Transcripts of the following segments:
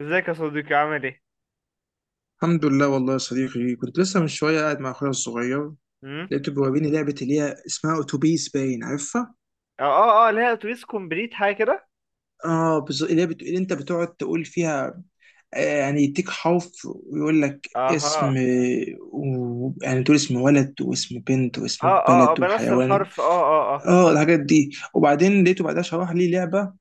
ازيك يا صديقي عامل ايه؟ الحمد لله والله يا صديقي، كنت لسه من شويه قاعد مع اخويا الصغير. امم لقيته بيوريني لعبه اللي هي اسمها اتوبيس، باين عارفها. اه اه اه، اللي هي اتوبيس كومبليت حاجه كده. اه بالظبط، اللي هي اللي انت بتقعد تقول فيها. يعني يديك حرف ويقول لك اسم، اها، يعني تقول اسم ولد واسم بنت واسم اه اه اه بلد بنفس وحيوان. الحرف، اه اه اه. اه الحاجات دي. وبعدين لقيته بعدها شرح لي لعبه،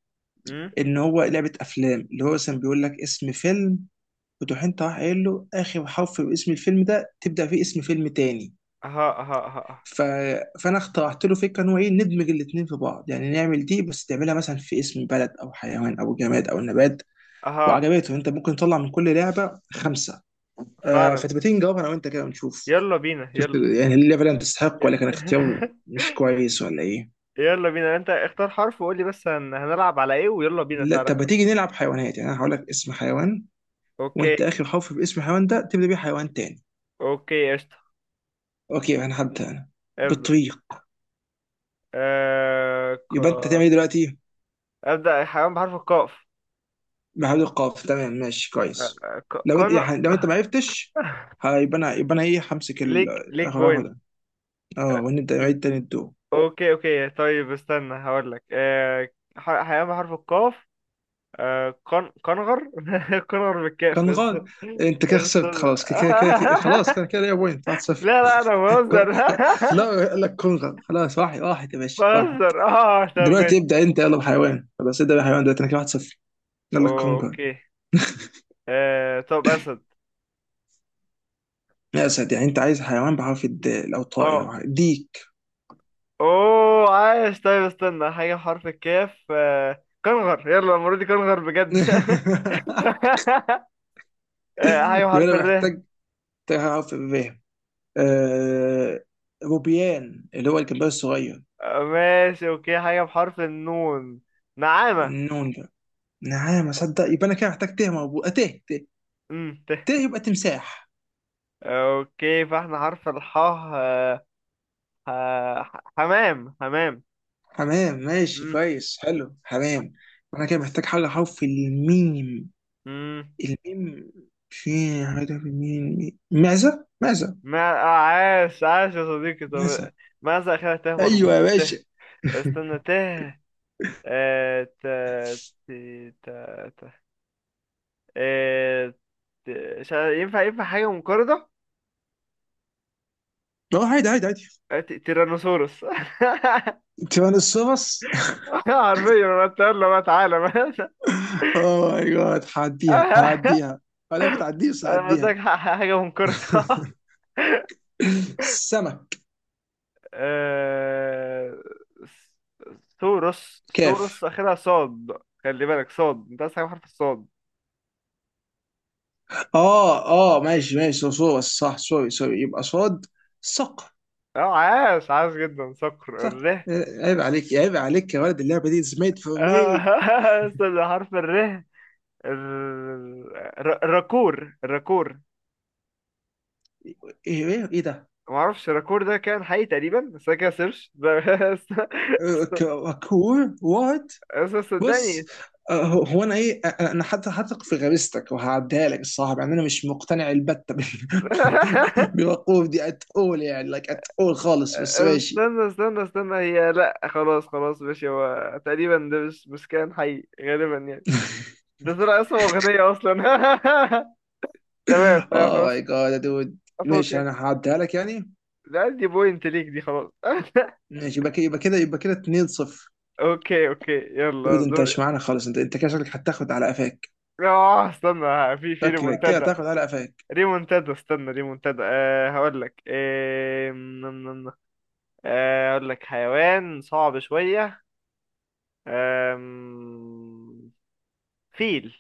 امم ان هو لعبه افلام، اللي هو مثلا بيقول لك اسم فيلم، وتروح انت راح قايل له اخر حرف باسم الفيلم ده تبدا فيه اسم فيلم تاني. اها اها اها اها ف... فانا اخترعت له فكره ان هو ايه، ندمج الاثنين في بعض، يعني نعمل دي بس تعملها مثلا في اسم بلد او حيوان او جماد او نبات. اها، وعجبته. انت ممكن تطلع من كل لعبه خمسه. آه، فعلا. فتبقى تيجي نجاوبها انا وانت كده ونشوف، يلا بينا شفت يلا. يعني اللعبه اللي تستحق، ي- ولا كان اختيار مش كويس ولا ايه؟ يلا بينا، انت اختار حرف وقول لي بس، هنلعب على ايه؟ ويلا بينا لا تعالى طب ما نجرب. تيجي نلعب حيوانات. يعني انا هقول لك اسم حيوان، اوكي وانت اخر حرف في اسم الحيوان ده تبدا بيه حيوان تاني. اوكي قشطه. اوكي انا هبدا انا. ابدا. بالطريق. آه... ك... يبقى انت تعمل ايه دلوقتي؟ ابدا حيوان بحرف القاف. محل القاف، تمام ماشي كويس. لو انت كانو. يعني لو انت ما عرفتش، هيبقى انا يبقى انا ايه، همسك ليك بوينت. هاخدها. اه ونبدا نعيد تاني الدور. اوكي اوكي طيب استنى هقول لك، آه، حيوان بحرف القاف. آه، قنغر. قنغر بالكاف كان بس. غلط. انت كده استنى، خسرت خلاص، كده ليا بوينت 1-0. لا لا انا بهزر. لا، قال لك كونغر خلاص. واحد واحد يا باشا، واحد. بهزر، اه طب دلوقتي ماشي. ابدا انت، يلا بحيوان، خلاص ابدا بحيوان دلوقتي، انا كده 1-0. يلا لك كونغر. اوكي. آه طب اسد. يا اسد، يعني انت عايز حيوان بحرف الدال او اه، طائر ديك. اوه عايش، طيب استنى حاجه بحرف الكاف، آه، كنغر. يلا المره دي كنغر بجد. آه، حاجه يبقى بحرف انا الر. محتاج، تعرف الري؟ آه، روبيان، اللي هو الجمباز الصغير. ماشي اوكي، حاجه بحرف النون، نعامة. النون ده؟ نعم اصدق. يبقى انا كده محتاج تيه مربوط، تيه. ت تيه، يبقى تمساح. اوكي فاحنا حرف الحاء. حمام حمام. حمام ماشي امم كويس، حلو حمام. انا كده محتاج حاجه حرف الميم. امم الميم. في حاجه في الميم، معزه. ما آه، عاش عاش يا صديقي. طب، معزه. ماذا اخرها ت ايوه مربوط يا ت؟ باشا. استنى، ت، ت، ت، ت، ت، آه، مش عارف. ينفع ينفع حاجة منقرضة؟ اه عادي عادي عادي. تيرانوسورس. تيران السوبس. حرفيا انا اتقل له بقى، تعالى بقى. اوه ماي جاد، هعديها هعديها. انا ما بتعديش، أنا قلت هعديها. لك حاجة منقرضة. سمك. آه... سوروس سوروس كيف؟ اخرها صاد. خلي بالك صاد، انت عايز حاجه بحرف الصاد. اه اه ماشي ماشي، صح. سوري سوري، يبقى صاد. صق. اه، عاش عاش جدا، صقر صق، الره. عيب عليك عيب عليك يا ولد، اللعبه دي is made for me. استنى، حرف الره. ال... راكور راكور. ايه ايه إيه ده؟ ما اعرفش، راكور ده كان حقيقي تقريبا بس انا كده سيرش ده. است- است- كور وات. بص، صدقني. هو انا ايه، أنا حتى هثق في غريزتك وهعديها لك. الصراحه يعني انا مش مقتنع البتة بالوقوف دي ات اول، يعني لايك ات اول خالص، بس ماشي. استنى استنى استنى هي، لا خلاص خلاص ماشي، هو تقريبا ده مش كان حقيقي غالبا يعني. ده طلع اسمه أغنية أصلا. تمام تمام اوه ماي خلاص. جاد يا دود. ماشي أفكك. انا هعديها لك يعني. لا، دي بوينت ليك دي، خلاص. ماشي يبقى كده، يبقى كده، يبقى كده 2-0. أوكي أوكي داود يلا انت دور. مش معانا خالص، انت كده شكلك هتاخد على قفاك. استنى، ها، في شكلك كده ريمونتادا. هتاخد على قفاك. ريمونتادا استنى ريمونتادا، أه هقول لك، أه نم. هقول لك حيوان صعب شوية. آم، فيل.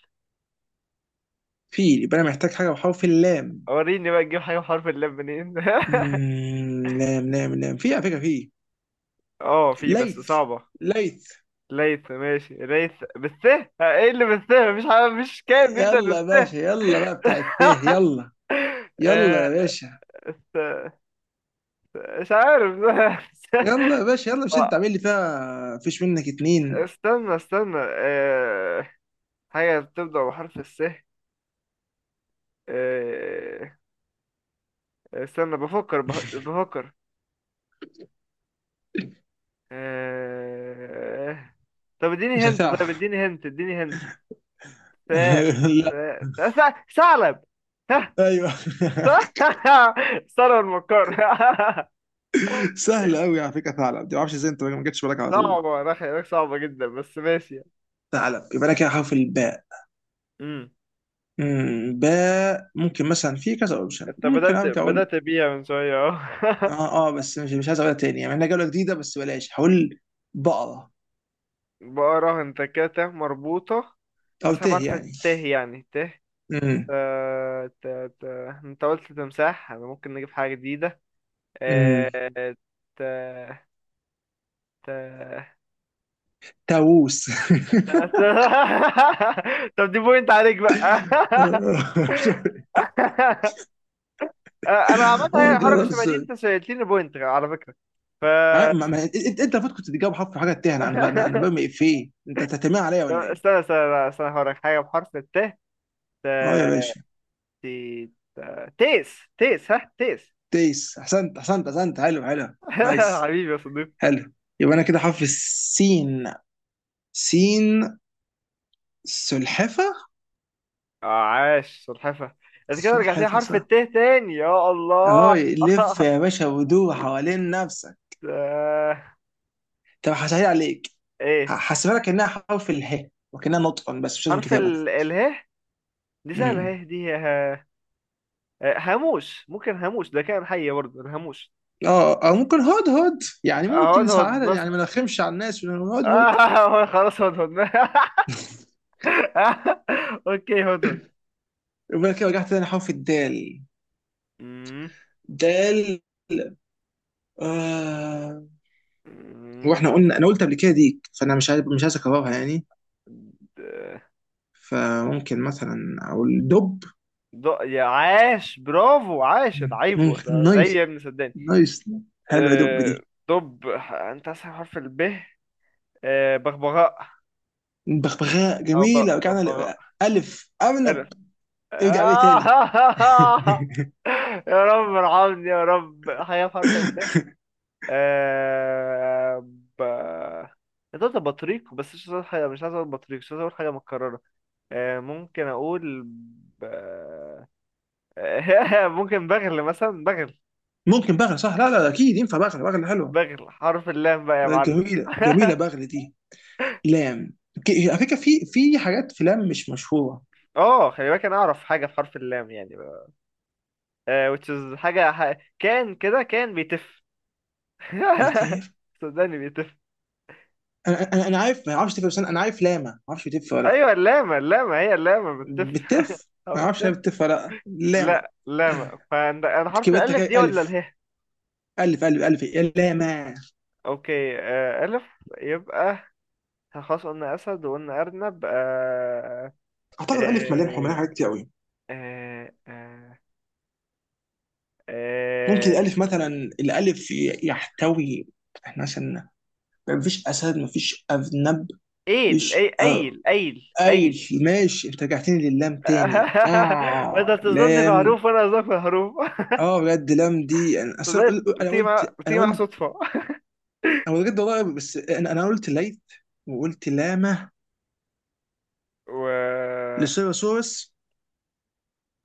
فيل، يبقى انا محتاج حاجه بحرف اللام. وريني بقى تجيب حاجة بحرف اللام منين. لام في، على فكره في. اه في بس ليث. صعبة. ليث. ليث، ماشي ليث بالث، ها، ايه اللي بالث؟ مفيش حاجة، مفيش كائن بيبدأ. يلا يا باشا، يلا بقى بتاع التاه، يلا. يلا آه، يا باشا. مش عارف. يلا يا باشا يلا، مش انت آه، عامل لي فيها فيش منك اتنين؟ استنى استنى، حاجة بتبدأ بحرف الس. آه، استنى بفكر، بفكر. آه، طب اديني مش هنت، طيب هتعرف. اديني هنت، اديني هنت. س، س، لا. س، ثعلب. ها. ايوه. س- ثعلب المكار. سهله قوي على فكره ثعلب دي، ما اعرفش ازاي انت ما جتش بالك على طول. صعبة، أنا خلي بالك صعبة جدا بس ماشي. ثعلب، يبقى انا كده حرف الباء. امم باء، ممكن مثلا في كذا اوبشن، انت ممكن بدأت ارجع اقول. بدأت بيها من شوية اهو. اه بس مش عايز اقولها تاني يعني، انا جوله جديده، بس بلاش هقول. بقره. بقرة انت كده ت مربوطة. او ته أسحب، عارفة يعني. ت يعني ت، ت، امم. ت، ت، انت قلت تمساح، انا ممكن نجيب حاجة جديدة. امم. اه، ت، ت، ت، تاووس. ت- طب دي بوينت عليك بقى. سوري. اه، انا عملت اه اي حركة جاد شبه دي؟ سوري. انت سألتني بوينت على فكرة. ف انت المفروض كنت تجاوب حرف حاجه تاه. انا انا انا أنا برمي افيه انت تتمع عليا طب ولا ايه؟ استنى استنى، لا، استنى هقولك حاجة بحرف الت، ت، اه يا ت- باشا. تيس تيس، ها تيس. تيس، احسنت احسنت احسنت، حلو حلو. نايس. حبيبي يا صديقي. حلو. يبقى انا كده حرف السين. سين. سلحفه. عاش سلحفة. انت كده رجعت لي سلحفة حرف صح. الت تاني، يا اهو الله. لف يا باشا ودور حوالين نفسك. آه، طب هسهل عليك، ايه هحسبها لك انها حرف اله، وكانها نطق بس مش لازم حرف كتابة. ال اله؟ دي سهلة امم اهي. هاموش ممكن، هاموش ده كائن حي برضه الهاموش. اه، او ممكن هود هود، يعني اهو ممكن هدهد يساعد، يعني مثلا. ما نرخمش على الناس ونقول هود هود. آه خلاص هدهد. اوكي هدهد. يقول لك ايه، رجعت تاني حرف الدال. مم. دال. آه. مم. واحنا قلنا، انا قلت قبل كده ديك، فانا مش عارف مش عايز اكررها يعني. د- فممكن مثلا او الدب. يا عاش برافو، عاش العيب. ممكن. زي يا نايس. ابني صدقني. نايس. حلوه دب آه، دي. دب. انت اسهل حرف الب. بغبغاء. بغبغاء او جميلة. رجعنا ببغاء. ألف أرنب. انا، ارجع بيه تاني. آه يا رب ارحمني يا رب، حاجه بحرف الب. آه، ب، كنت قلت بطريق بس مش عايز اقول حاجه، مش عايز اقول بطريق، مش عايز اقول حاجه متكرره. ممكن اقول ب... ممكن بغل مثلا، بغل. ممكن بغل صح، لا لا أكيد ينفع بغل، بغل حلوة. بغل حرف اللام بقى يا معلم. جميلة جميلة بغل دي. لام. على فكرة في حاجات في لام مش مشهورة. اه خلي بالك انا اعرف حاجه في حرف اللام يعني، which is حاجه كان كده كان بيتف. بتف. صدقني بيتف. أنا عارف، ما أعرفش تف، بس أنا عارف لاما، ما أعرفش بتف ولا لأ. ايوه اللامه، اللامه هي اللامه بتف. بتف. او ما أعرفش هي بتف. بتف ولا لأ. لاما. لا لامه، فانا حرف كبرتها الالف دي كده. ولا ألف. اله؟ ألف إيه؟ لاما. اوكي، الف. يبقى، خلاص قلنا اسد وقلنا ارنب. أعتقد ألف مليان، حمالها آه، حاجات كتير أوي. آه، آه، ممكن آه، الألف مثلا، الألف يحتوي، احنا مثلا مفيش اسد، مفيش ارنب، ايل، مفيش ايل ايل ايل. قايل. ماشي، انت رجعتني لللام تاني. وانت اه بتظنني لام. بحروف وانا اظنك بحروف. اه بجد لام دي، انا أصل أنا صدقت، قل- انا بتيجي مع قلت انا بتيجي مع قلت صدفه. انا بجد والله، بس انا قلت ليث وقلت لامه. و لسيروسورس.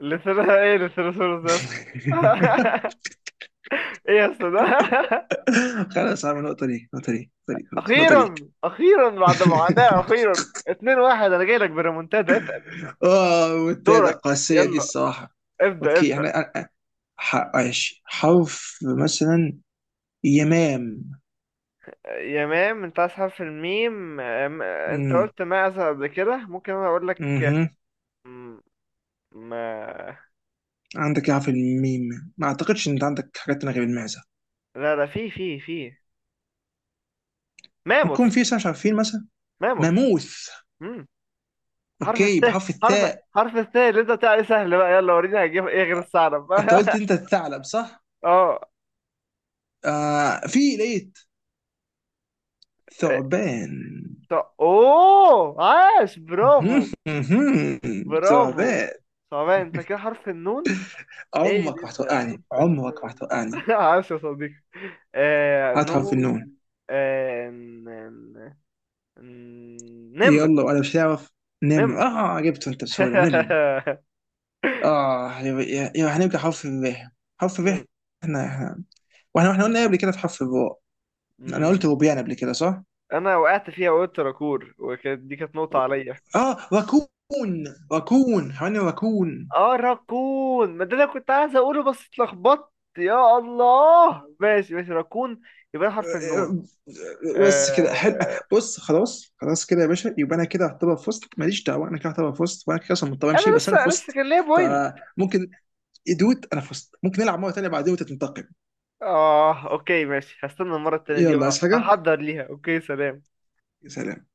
لسانها ايه لسانوسورس ده يا اسطى؟ ايه يا اسطى ده؟ خلاص، عامل نقطة ليك نقطة ليك نقطة ليك خلاص نقطة ليك. اخيرا اخيرا بعد معاناة اخيرا، 2-1، انا جاي لك بريمونتادا اتقل. اه والتالتة دورك قاسية دي يلا، الصراحة. ابدأ اوكي ابدأ. احنا، ماشي حرف مثلا، يمام. يا مام، انت عايز حرف الميم. انت قلت معزة قبل كده، ممكن انا اقول لك اها. م- ما. عندك يا، في الميم ما اعتقدش ان انت عندك حاجات تانية غير المعزه. لا لا، في ماموس، ممكن في اسم مش عارفين مثلا. ماموس. ماموث. مم. حرف اوكي الثاء. بحرف حرف الثاء. الثاء اللي انت بتاعي، سهل بقى، يلا وريني هجيب ايه غير الثعلب. انت قلت انت الثعلب صح؟ اه آه، في، لقيت. ثعبان. طب، اوه عاش برافو. مهم، مهم. برافو. ثعبان. صعبان، انت كده حرف النون. ايه عمرك ما بيبدأ بحرف هتوقعني، عمرك ما النون؟ هتوقعني. عاش يا صديقي. آه هات حرف نون، النون. آه نمر، يلا وانا مش هعرف. نمر، نمر. اه جبته انت بسهوله، نمر. اه، يبقى هنبقى حرف الراء. حرف مم. الراء. احنا واحنا قلنا إيه قبل كده في حرف الراء؟ انا قلت مم. بوبيان قبل كده صح؟ انا وقعت فيها وقلت راكور، وكانت دي كانت نقطة عليا. اه وكون. وكون حيوان، وكون. اه راكون، ما ده انا كنت عايز اقوله بس اتلخبطت. يا الله ماشي ماشي راكون. يبقى حرف النون. آه، آه، بس كده حلو. آه. بص خلاص، خلاص كده يا باشا، يبقى انا كده اعتبر فزت، ماليش دعوه. انا كده اعتبر فزت، وانا كده اصلا مضطر امشي، انا بس انا لسه فزت. كان ليا بوينت. فممكن، يدود انا فزت، ممكن نلعب مره تانيه بعدين وتنتقم. اه اوكي ماشي، هستنى المره التانيه دي يلا عايز حاجه. وهحضر ليها. اوكي سلام. سلام.